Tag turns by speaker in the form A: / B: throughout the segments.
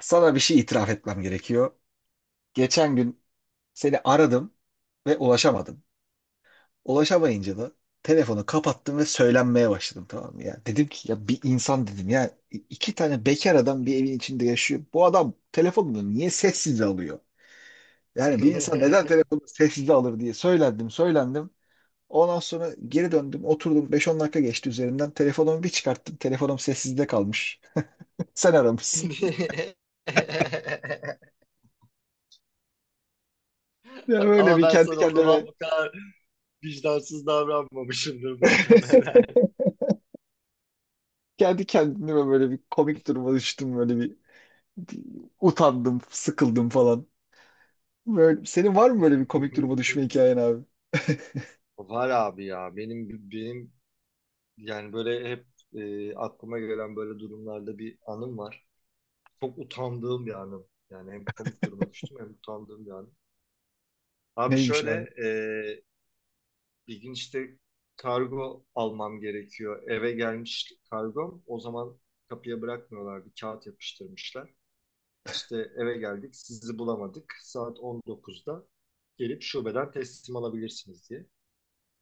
A: Sana bir şey itiraf etmem gerekiyor. Geçen gün seni aradım ve ulaşamadım. Ulaşamayınca da telefonu kapattım ve söylenmeye başladım, tamam mı? Ya, dedim ki ya bir insan, dedim ya iki tane bekar adam bir evin içinde yaşıyor. Bu adam telefonunu niye sessize alıyor? Yani bir insan neden telefonunu sessize alır diye söylendim söylendim. Ondan sonra geri döndüm, oturdum. Beş on dakika geçti üzerinden. Telefonumu bir çıkarttım, telefonum sessizde kalmış. Sen aramışsın. Ya böyle
B: Ama
A: bir
B: ben
A: kendi
B: sana o
A: kendime
B: zaman bu kadar vicdansız davranmamışımdır muhtemelen.
A: kendi kendime böyle bir komik duruma düştüm, böyle bir utandım, sıkıldım falan. Böyle, senin var mı böyle bir komik duruma düşme hikayen abi?
B: Var abi ya benim yani böyle hep aklıma gelen böyle durumlarda bir anım var. Çok utandığım bir anım. Yani hem komik duruma düştüm hem utandığım bir anım. Abi
A: Neymiş abi?
B: şöyle e, bir gün işte kargo almam gerekiyor. Eve gelmiş kargom. O zaman kapıya bırakmıyorlar. Bir kağıt yapıştırmışlar. İşte eve geldik. Sizi bulamadık. Saat 19'da gelip şubeden teslim alabilirsiniz diye.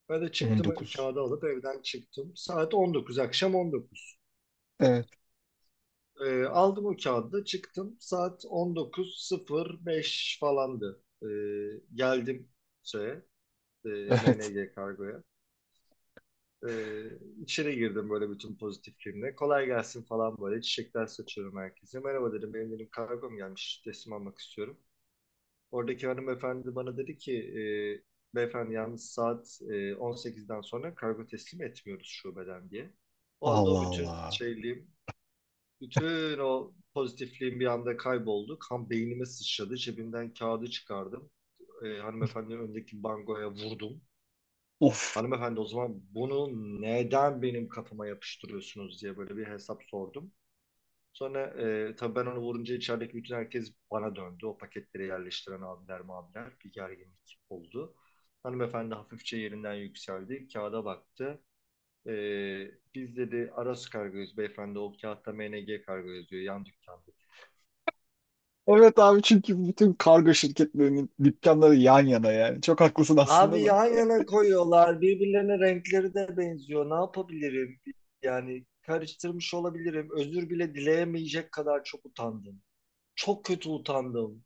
B: Ben de çıktım
A: 19.
B: kağıdı alıp evden çıktım. Saat 19, akşam 19.
A: Evet.
B: Aldım o kağıdı da çıktım. Saat 19.05 falandı. Geldim şeye, e,
A: Evet.
B: MNG kargoya. Ee, içeri girdim böyle bütün pozitifliğimle. Kolay gelsin falan böyle. Çiçekler saçıyorum herkese. Merhaba dedim. Benim dedim kargom gelmiş. Teslim almak istiyorum. Oradaki hanımefendi bana dedi ki beyefendi yalnız saat 18'den sonra kargo teslim etmiyoruz şubeden diye. O anda
A: Allah
B: o bütün
A: Allah.
B: şeyliğim, bütün o pozitifliğim bir anda kayboldu. Kan beynime sıçradı. Cebimden kağıdı çıkardım. Hanımefendinin önündeki bangoya vurdum.
A: Of.
B: Hanımefendi o zaman bunu neden benim kafama yapıştırıyorsunuz diye böyle bir hesap sordum. Sonra tabii ben onu vurunca içerideki bütün herkes bana döndü. O paketleri yerleştiren abiler mabiler bir gerginlik oldu. Hanımefendi hafifçe yerinden yükseldi. Kağıda baktı. E, Biz dedi Aras kargoyuz beyefendi o kağıtta MNG kargo yazıyor yan dükkanda.
A: Evet abi, çünkü bütün kargo şirketlerinin dükkanları yan yana yani. Çok haklısın aslında
B: Abi
A: da.
B: yan yana koyuyorlar. Birbirlerine renkleri de benziyor. Ne yapabilirim? Yani karıştırmış olabilirim. Özür bile dileyemeyecek kadar çok utandım. Çok kötü utandım.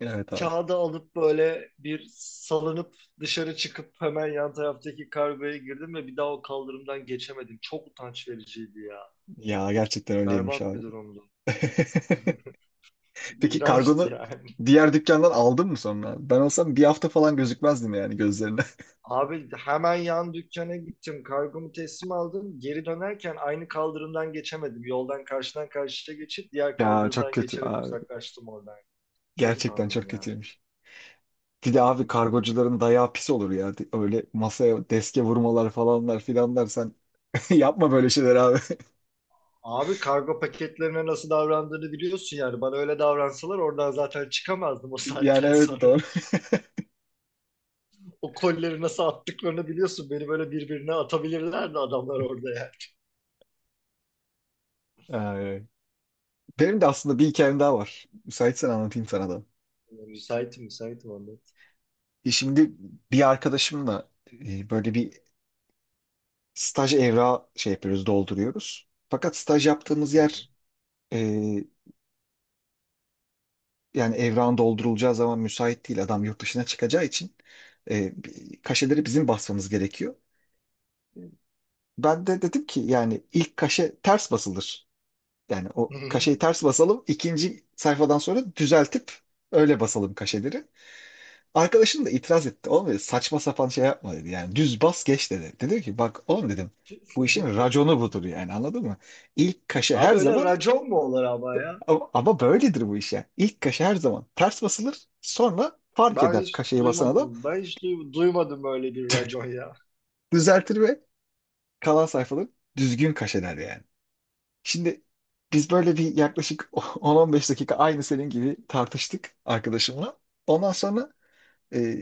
A: Evet abi.
B: Kağıdı alıp böyle bir salınıp dışarı çıkıp hemen yan taraftaki kargoya girdim ve bir daha o kaldırımdan geçemedim. Çok utanç vericiydi ya.
A: Ya gerçekten öyleymiş
B: Berbat
A: abi.
B: bir durumdu.
A: Peki
B: İğrençti
A: kargonu
B: yani.
A: diğer dükkandan aldın mı sonra? Ben olsam bir hafta falan gözükmezdim yani gözlerine.
B: Abi hemen yan dükkana gittim. Kargomu teslim aldım. Geri dönerken aynı kaldırımdan geçemedim. Yoldan karşıdan karşıya geçip diğer
A: Ya çok
B: kaldırımdan
A: kötü.
B: geçerek uzaklaştım oradan. Çok
A: Gerçekten
B: utandım
A: çok
B: ya.
A: kötüymüş. Bir de
B: Çok
A: abi
B: kötüydü.
A: kargocuların dayağı pis olur ya. Öyle masaya deske vurmalar falanlar filanlar sen yapma böyle şeyler abi.
B: Abi kargo paketlerine nasıl davrandığını biliyorsun yani. Bana öyle davransalar oradan zaten çıkamazdım o
A: Yani
B: saatten
A: evet,
B: sonra.
A: doğru.
B: O kolleri nasıl attıklarını biliyorsun. Beni böyle birbirine atabilirlerdi adamlar orada ya.
A: Ay. Benim de aslında bir hikayem daha var. Müsaitsen anlatayım sana da.
B: Müsaitim, müsaitim anlat.
A: Şimdi bir arkadaşımla böyle bir staj evrağı şey yapıyoruz, dolduruyoruz. Fakat staj yaptığımız
B: Hı
A: yer, e, yani evrağın doldurulacağı zaman müsait değil. Adam yurt dışına çıkacağı için kaşeleri bizim basmamız gerekiyor. Ben de dedim ki yani ilk kaşe ters basılır. Yani o kaşeyi
B: hı.
A: ters basalım, ikinci sayfadan sonra düzeltip öyle basalım kaşeleri. Arkadaşım da itiraz etti. Oğlum, dedi, saçma sapan şey yapma, dedi. Yani düz bas geç, dedi. Dedim ki bak oğlum, dedim, bu işin raconu budur yani, anladın mı? İlk kaşe her
B: Abi öyle
A: zaman,
B: racon mu olur ama ya?
A: ama, ama böyledir bu iş yani. İlk kaşe her zaman ters basılır. Sonra fark
B: Ben
A: eder
B: hiç
A: kaşeyi basan adam,
B: duymadım. Duymadım böyle bir racon ya.
A: düzeltir ve kalan sayfaları düzgün kaşeler yani. Şimdi biz böyle bir yaklaşık 10-15 dakika aynı senin gibi tartıştık arkadaşımla. Ondan sonra e,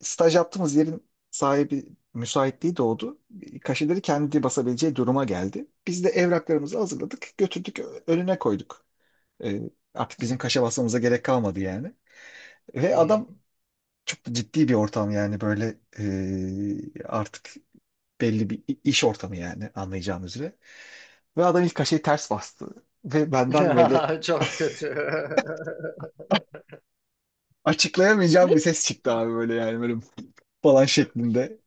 A: staj yaptığımız yerin sahibi müsaitliği doğdu. Kaşeleri kendi basabileceği duruma geldi. Biz de evraklarımızı hazırladık, götürdük, önüne koyduk. E, Artık bizim kaşe basmamıza gerek kalmadı yani. Ve adam, çok da ciddi bir ortam yani böyle, artık belli bir iş ortamı yani, anlayacağınız üzere. Ve adam ilk kaşeyi ters bastı. Ve benden böyle
B: Çok kötü.
A: açıklayamayacağım bir ses çıktı abi, böyle yani böyle falan şeklinde.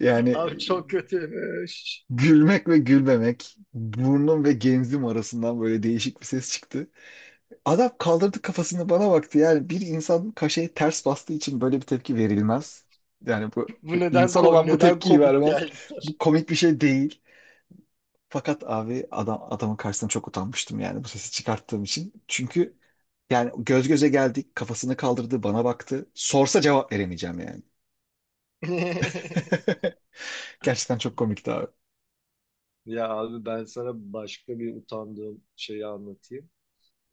A: Yani
B: Abi çok kötüymüş.
A: gülmek ve gülmemek burnum ve genzim arasından böyle değişik bir ses çıktı. Adam kaldırdı kafasını, bana baktı. Yani bir insan kaşeyi ters bastığı için böyle bir tepki verilmez. Yani bu
B: Bu neden
A: insan olan bu
B: neden
A: tepkiyi
B: komik
A: vermez.
B: geldi sana?
A: Bu komik bir şey değil. Fakat abi adamın karşısına çok utanmıştım yani bu sesi çıkarttığım için. Çünkü yani göz göze geldik, kafasını kaldırdı, bana baktı. Sorsa cevap veremeyeceğim yani. Gerçekten çok komikti abi.
B: Ya abi ben sana başka bir utandığım şeyi anlatayım.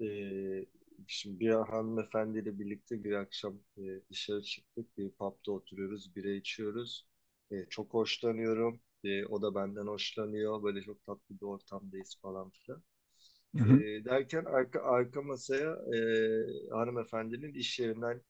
B: Ee, Şimdi bir hanımefendiyle birlikte bir akşam dışarı çıktık. Bir pub'da oturuyoruz, bira içiyoruz. Çok hoşlanıyorum. O da benden hoşlanıyor. Böyle çok tatlı bir ortamdayız falan filan.
A: Hı hı.
B: Ee, Derken arka masaya hanımefendinin iş yerinden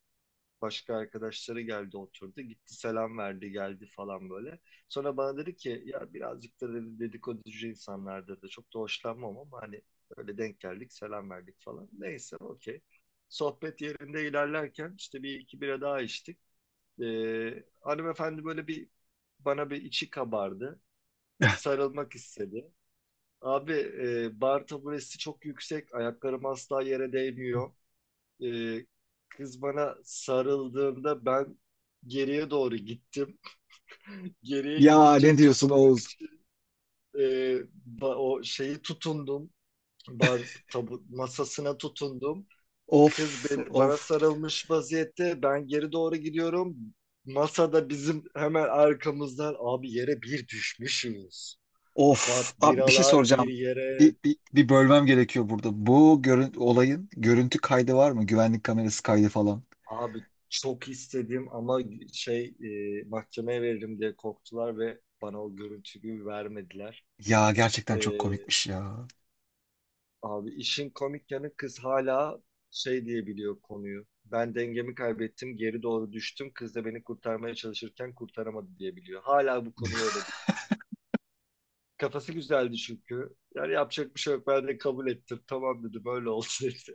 B: başka arkadaşları geldi oturdu. Gitti selam verdi geldi falan böyle. Sonra bana dedi ki ya birazcık da dedi, dedikoducu insanlardır da çok da hoşlanmam ama hani öyle denk geldik selam verdik falan. Neyse okey. Sohbet yerinde ilerlerken işte bir iki bira daha içtik. Hanımefendi böyle bir bana bir içi kabardı. Bir sarılmak istedi. Abi bar taburesi çok yüksek. Ayaklarım asla yere değmiyor. Ee, Kız bana sarıldığında ben geriye doğru gittim. Geriye
A: Ya ne
B: gidince
A: diyorsun
B: tutunmak
A: Oğuz?
B: için e, o şeyi tutundum. Bar tabu masasına tutundum. Kız
A: Of
B: bana
A: of
B: sarılmış vaziyette. Ben geri doğru gidiyorum. Masada bizim hemen arkamızdan abi yere bir düşmüşüz.
A: of.
B: Bak
A: Abi bir şey
B: biralar bir
A: soracağım. Bir,
B: yere.
A: bir, bir bölmem gerekiyor burada. Bu görün, olayın görüntü kaydı var mı? Güvenlik kamerası kaydı falan.
B: Abi çok istedim ama şey mahkemeye veririm diye korktular ve bana o görüntüyü vermediler.
A: Ya
B: E,
A: gerçekten çok komikmiş ya.
B: Abi işin komik yanı kız hala şey diyebiliyor konuyu. Ben dengemi kaybettim, geri doğru düştüm. Kız da beni kurtarmaya çalışırken kurtaramadı diyebiliyor. Hala bu konuyu öyle biliyor. Kafası güzeldi çünkü. Yani yapacak bir şey yok. Ben de kabul ettim. Tamam dedi böyle olsun işte.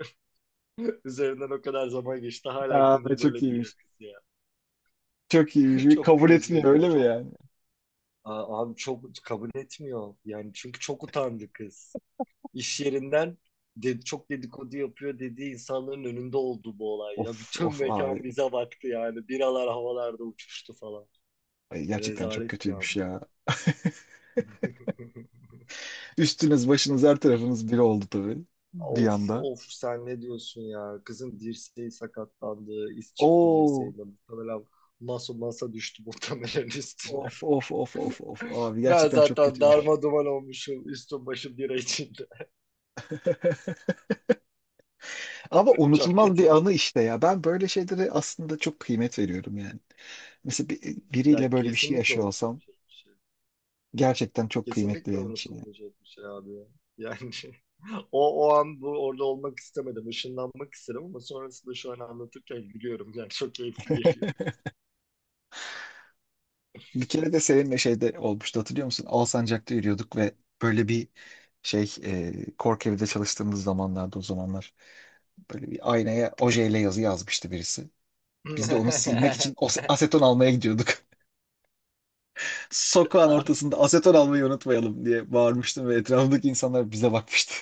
B: Üzerinden o kadar zaman geçti. Hala
A: Ya
B: konuyu
A: çok
B: böyle biliyor
A: iyiymiş.
B: kız ya.
A: Çok iyiymiş. Bir
B: Çok
A: kabul etmiyor
B: kırıcıydı.
A: öyle mi
B: Çok
A: yani?
B: aa, abi çok kabul etmiyor. Yani çünkü çok utandı kız. İş yerinden de, çok dedikodu yapıyor dediği insanların önünde oldu bu olay. Ya
A: Of
B: bütün
A: of abi.
B: mekan bize baktı yani. Biralar havalarda uçuştu falan.
A: Ay, gerçekten çok
B: Rezalet bir
A: kötüymüş
B: andı.
A: ya. Üstünüz başınız her tarafınız bir oldu tabii. Bir
B: Of
A: anda.
B: of sen ne diyorsun ya? Kızın dirseği sakatlandı. İz çıktı
A: Oo.
B: dirseğinde. Muhtemelen masa düştü muhtemelen
A: Of
B: üstüne.
A: of of of of abi,
B: Ben
A: gerçekten çok
B: zaten
A: kötüymüş.
B: darma duman olmuşum. Üstüm başım bira içinde.
A: Ama
B: Çok
A: unutulmaz bir
B: kötü.
A: anı işte ya. Ben böyle şeylere aslında çok kıymet veriyorum yani. Mesela biriyle
B: Ya
A: böyle bir şey
B: kesinlikle
A: yaşıyor olsam
B: unutulmayacak bir şey.
A: gerçekten çok kıymetli
B: Kesinlikle
A: benim için. Yani.
B: unutulmayacak bir şey abi ya. Yani o an bu orada olmak istemedim. Işınlanmak istedim ama sonrasında şu an anlatırken gülüyorum. Yani çok keyifli geliyor.
A: Bir kere de seninle şeyde olmuştu, hatırlıyor musun? Alsancak'ta yürüyorduk ve böyle bir şey, Kork evide çalıştığımız zamanlarda, o zamanlar. Böyle bir aynaya ojeyle yazı yazmıştı birisi. Biz de onu silmek için aseton almaya gidiyorduk. Sokağın
B: Abi,
A: ortasında aseton almayı unutmayalım diye bağırmıştım ve etrafındaki insanlar bize bakmıştı.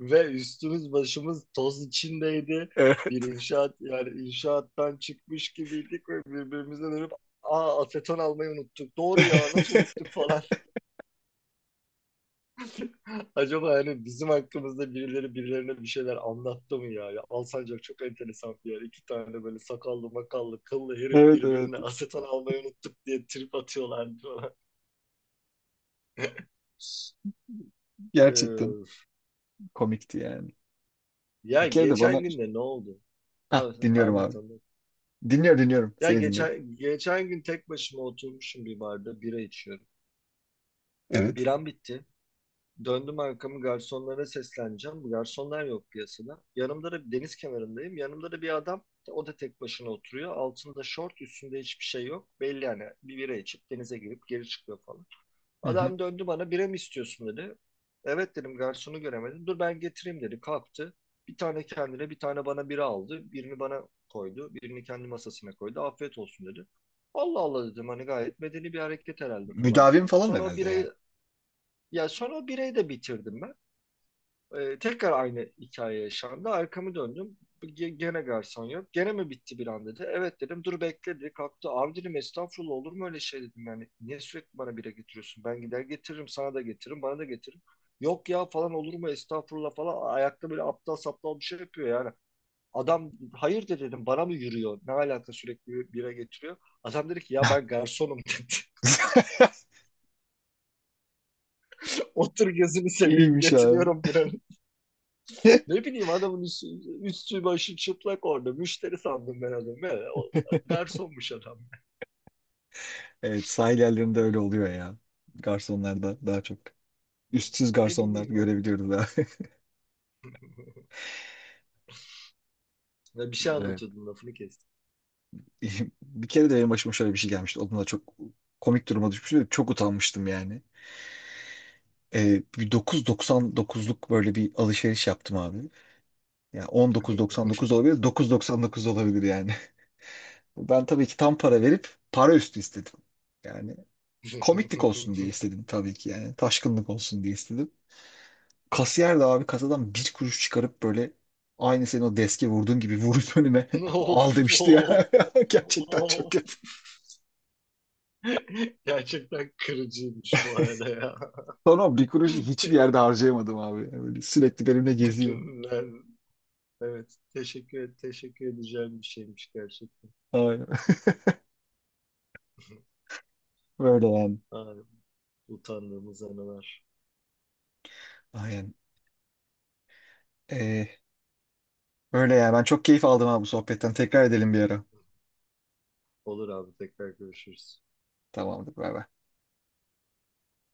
B: ve üstümüz başımız toz içindeydi.
A: Evet.
B: Bir inşaat yani inşaattan çıkmış gibiydik ve birbirimize dönüp aa aseton almayı unuttuk. Doğru ya nasıl unuttuk falan. Acaba hani bizim hakkımızda birileri birilerine bir şeyler anlattı mı ya? Ya Alsancak çok enteresan bir yer. İki tane böyle sakallı makallı kıllı herif
A: Evet evet.
B: birbirine aseton almayı unuttuk diye trip atıyorlardı falan.
A: Gerçekten
B: Ee,
A: komikti yani. Bir
B: Ya
A: kere de bana...
B: geçen gün de ne oldu?
A: Heh,
B: Ha,
A: dinliyorum
B: anlat
A: abi.
B: anlat.
A: Dinliyorum.
B: Ya
A: Seni dinliyorum.
B: geçen gün tek başıma oturmuşum bir barda bira içiyorum.
A: Evet.
B: Biram bitti. Döndüm arkamı garsonlara sesleneceğim. Garsonlar yok piyasada. Yanımda da deniz kenarındayım. Yanımda da bir adam. O da tek başına oturuyor. Altında şort, üstünde hiçbir şey yok. Belli yani bir bira içip denize girip geri çıkıyor falan.
A: Hı hı.
B: Adam döndü bana bira mı istiyorsun dedi. Evet dedim garsonu göremedim. Dur ben getireyim dedi. Kalktı. Bir tane kendine bir tane bana bira aldı. Birini bana koydu. Birini kendi masasına koydu. Afiyet olsun dedi. Allah Allah dedim hani gayet medeni bir hareket herhalde falan
A: Müdavim
B: filan.
A: falan
B: Sonra o
A: herhalde yani.
B: birayı ya sonra o birayı da bitirdim ben. Tekrar aynı hikaye yaşandı. Arkamı döndüm. Gene garson yok. Gene mi bitti bir an dedi. Evet dedim. Dur bekle dedi. Kalktı. Abi dedim estağfurullah olur mu öyle şey dedim. Yani niye sürekli bana bira getiriyorsun? Ben gider getiririm. Sana da getiririm. Bana da getiririm. Yok ya falan olur mu estağfurullah falan. Ayakta böyle aptal saptal bir şey yapıyor yani. Adam hayır de dedim bana mı yürüyor? Ne alaka sürekli bira getiriyor? Adam dedi ki ya ben garsonum dedi. Otur gözünü seveyim
A: İyiymiş abi.
B: getiriyorum bira. Ne bileyim adamın üstü başı çıplak orada. Müşteri sandım ben adamı. Ya, o garsonmuş adam.
A: Evet, sahil yerlerinde öyle oluyor ya. Garsonlarda daha çok. Üstsüz
B: Ne
A: garsonlar
B: bileyim hani.
A: görebiliyoruz ha.
B: Ya bir şey
A: Evet.
B: anlatıyordun lafını kestim.
A: Bir kere de benim başıma şöyle bir şey gelmişti. O da çok komik duruma düşmüştüm. Çok utanmıştım yani. Bir 9,99'luk böyle bir alışveriş yaptım abi. Yani 19,99 olabilir, 9,99 olabilir yani. Ben tabii ki tam para verip para üstü istedim. Yani komiklik olsun diye istedim tabii ki yani. Taşkınlık olsun diye istedim. Kasiyer de abi kasadan bir kuruş çıkarıp böyle, aynı senin o deske vurduğun gibi vurup önüme
B: Of
A: al demişti
B: of.
A: ya. Gerçekten çok
B: Of.
A: kötü.
B: Gerçekten kırıcıymış bu arada ya.
A: Sonra bir kuruşu hiçbir yerde harcayamadım abi. Yani böyle sürekli benimle geziyor.
B: Ben, evet teşekkür edeceğim bir şeymiş gerçekten.
A: Aynen. Böyle yani.
B: Ay, utandığımız anılar.
A: Aynen. Ee, Öyle yani. Ben çok keyif aldım abi bu sohbetten. Tekrar edelim bir ara.
B: Olur abi tekrar görüşürüz.
A: Tamamdır. Bay bay.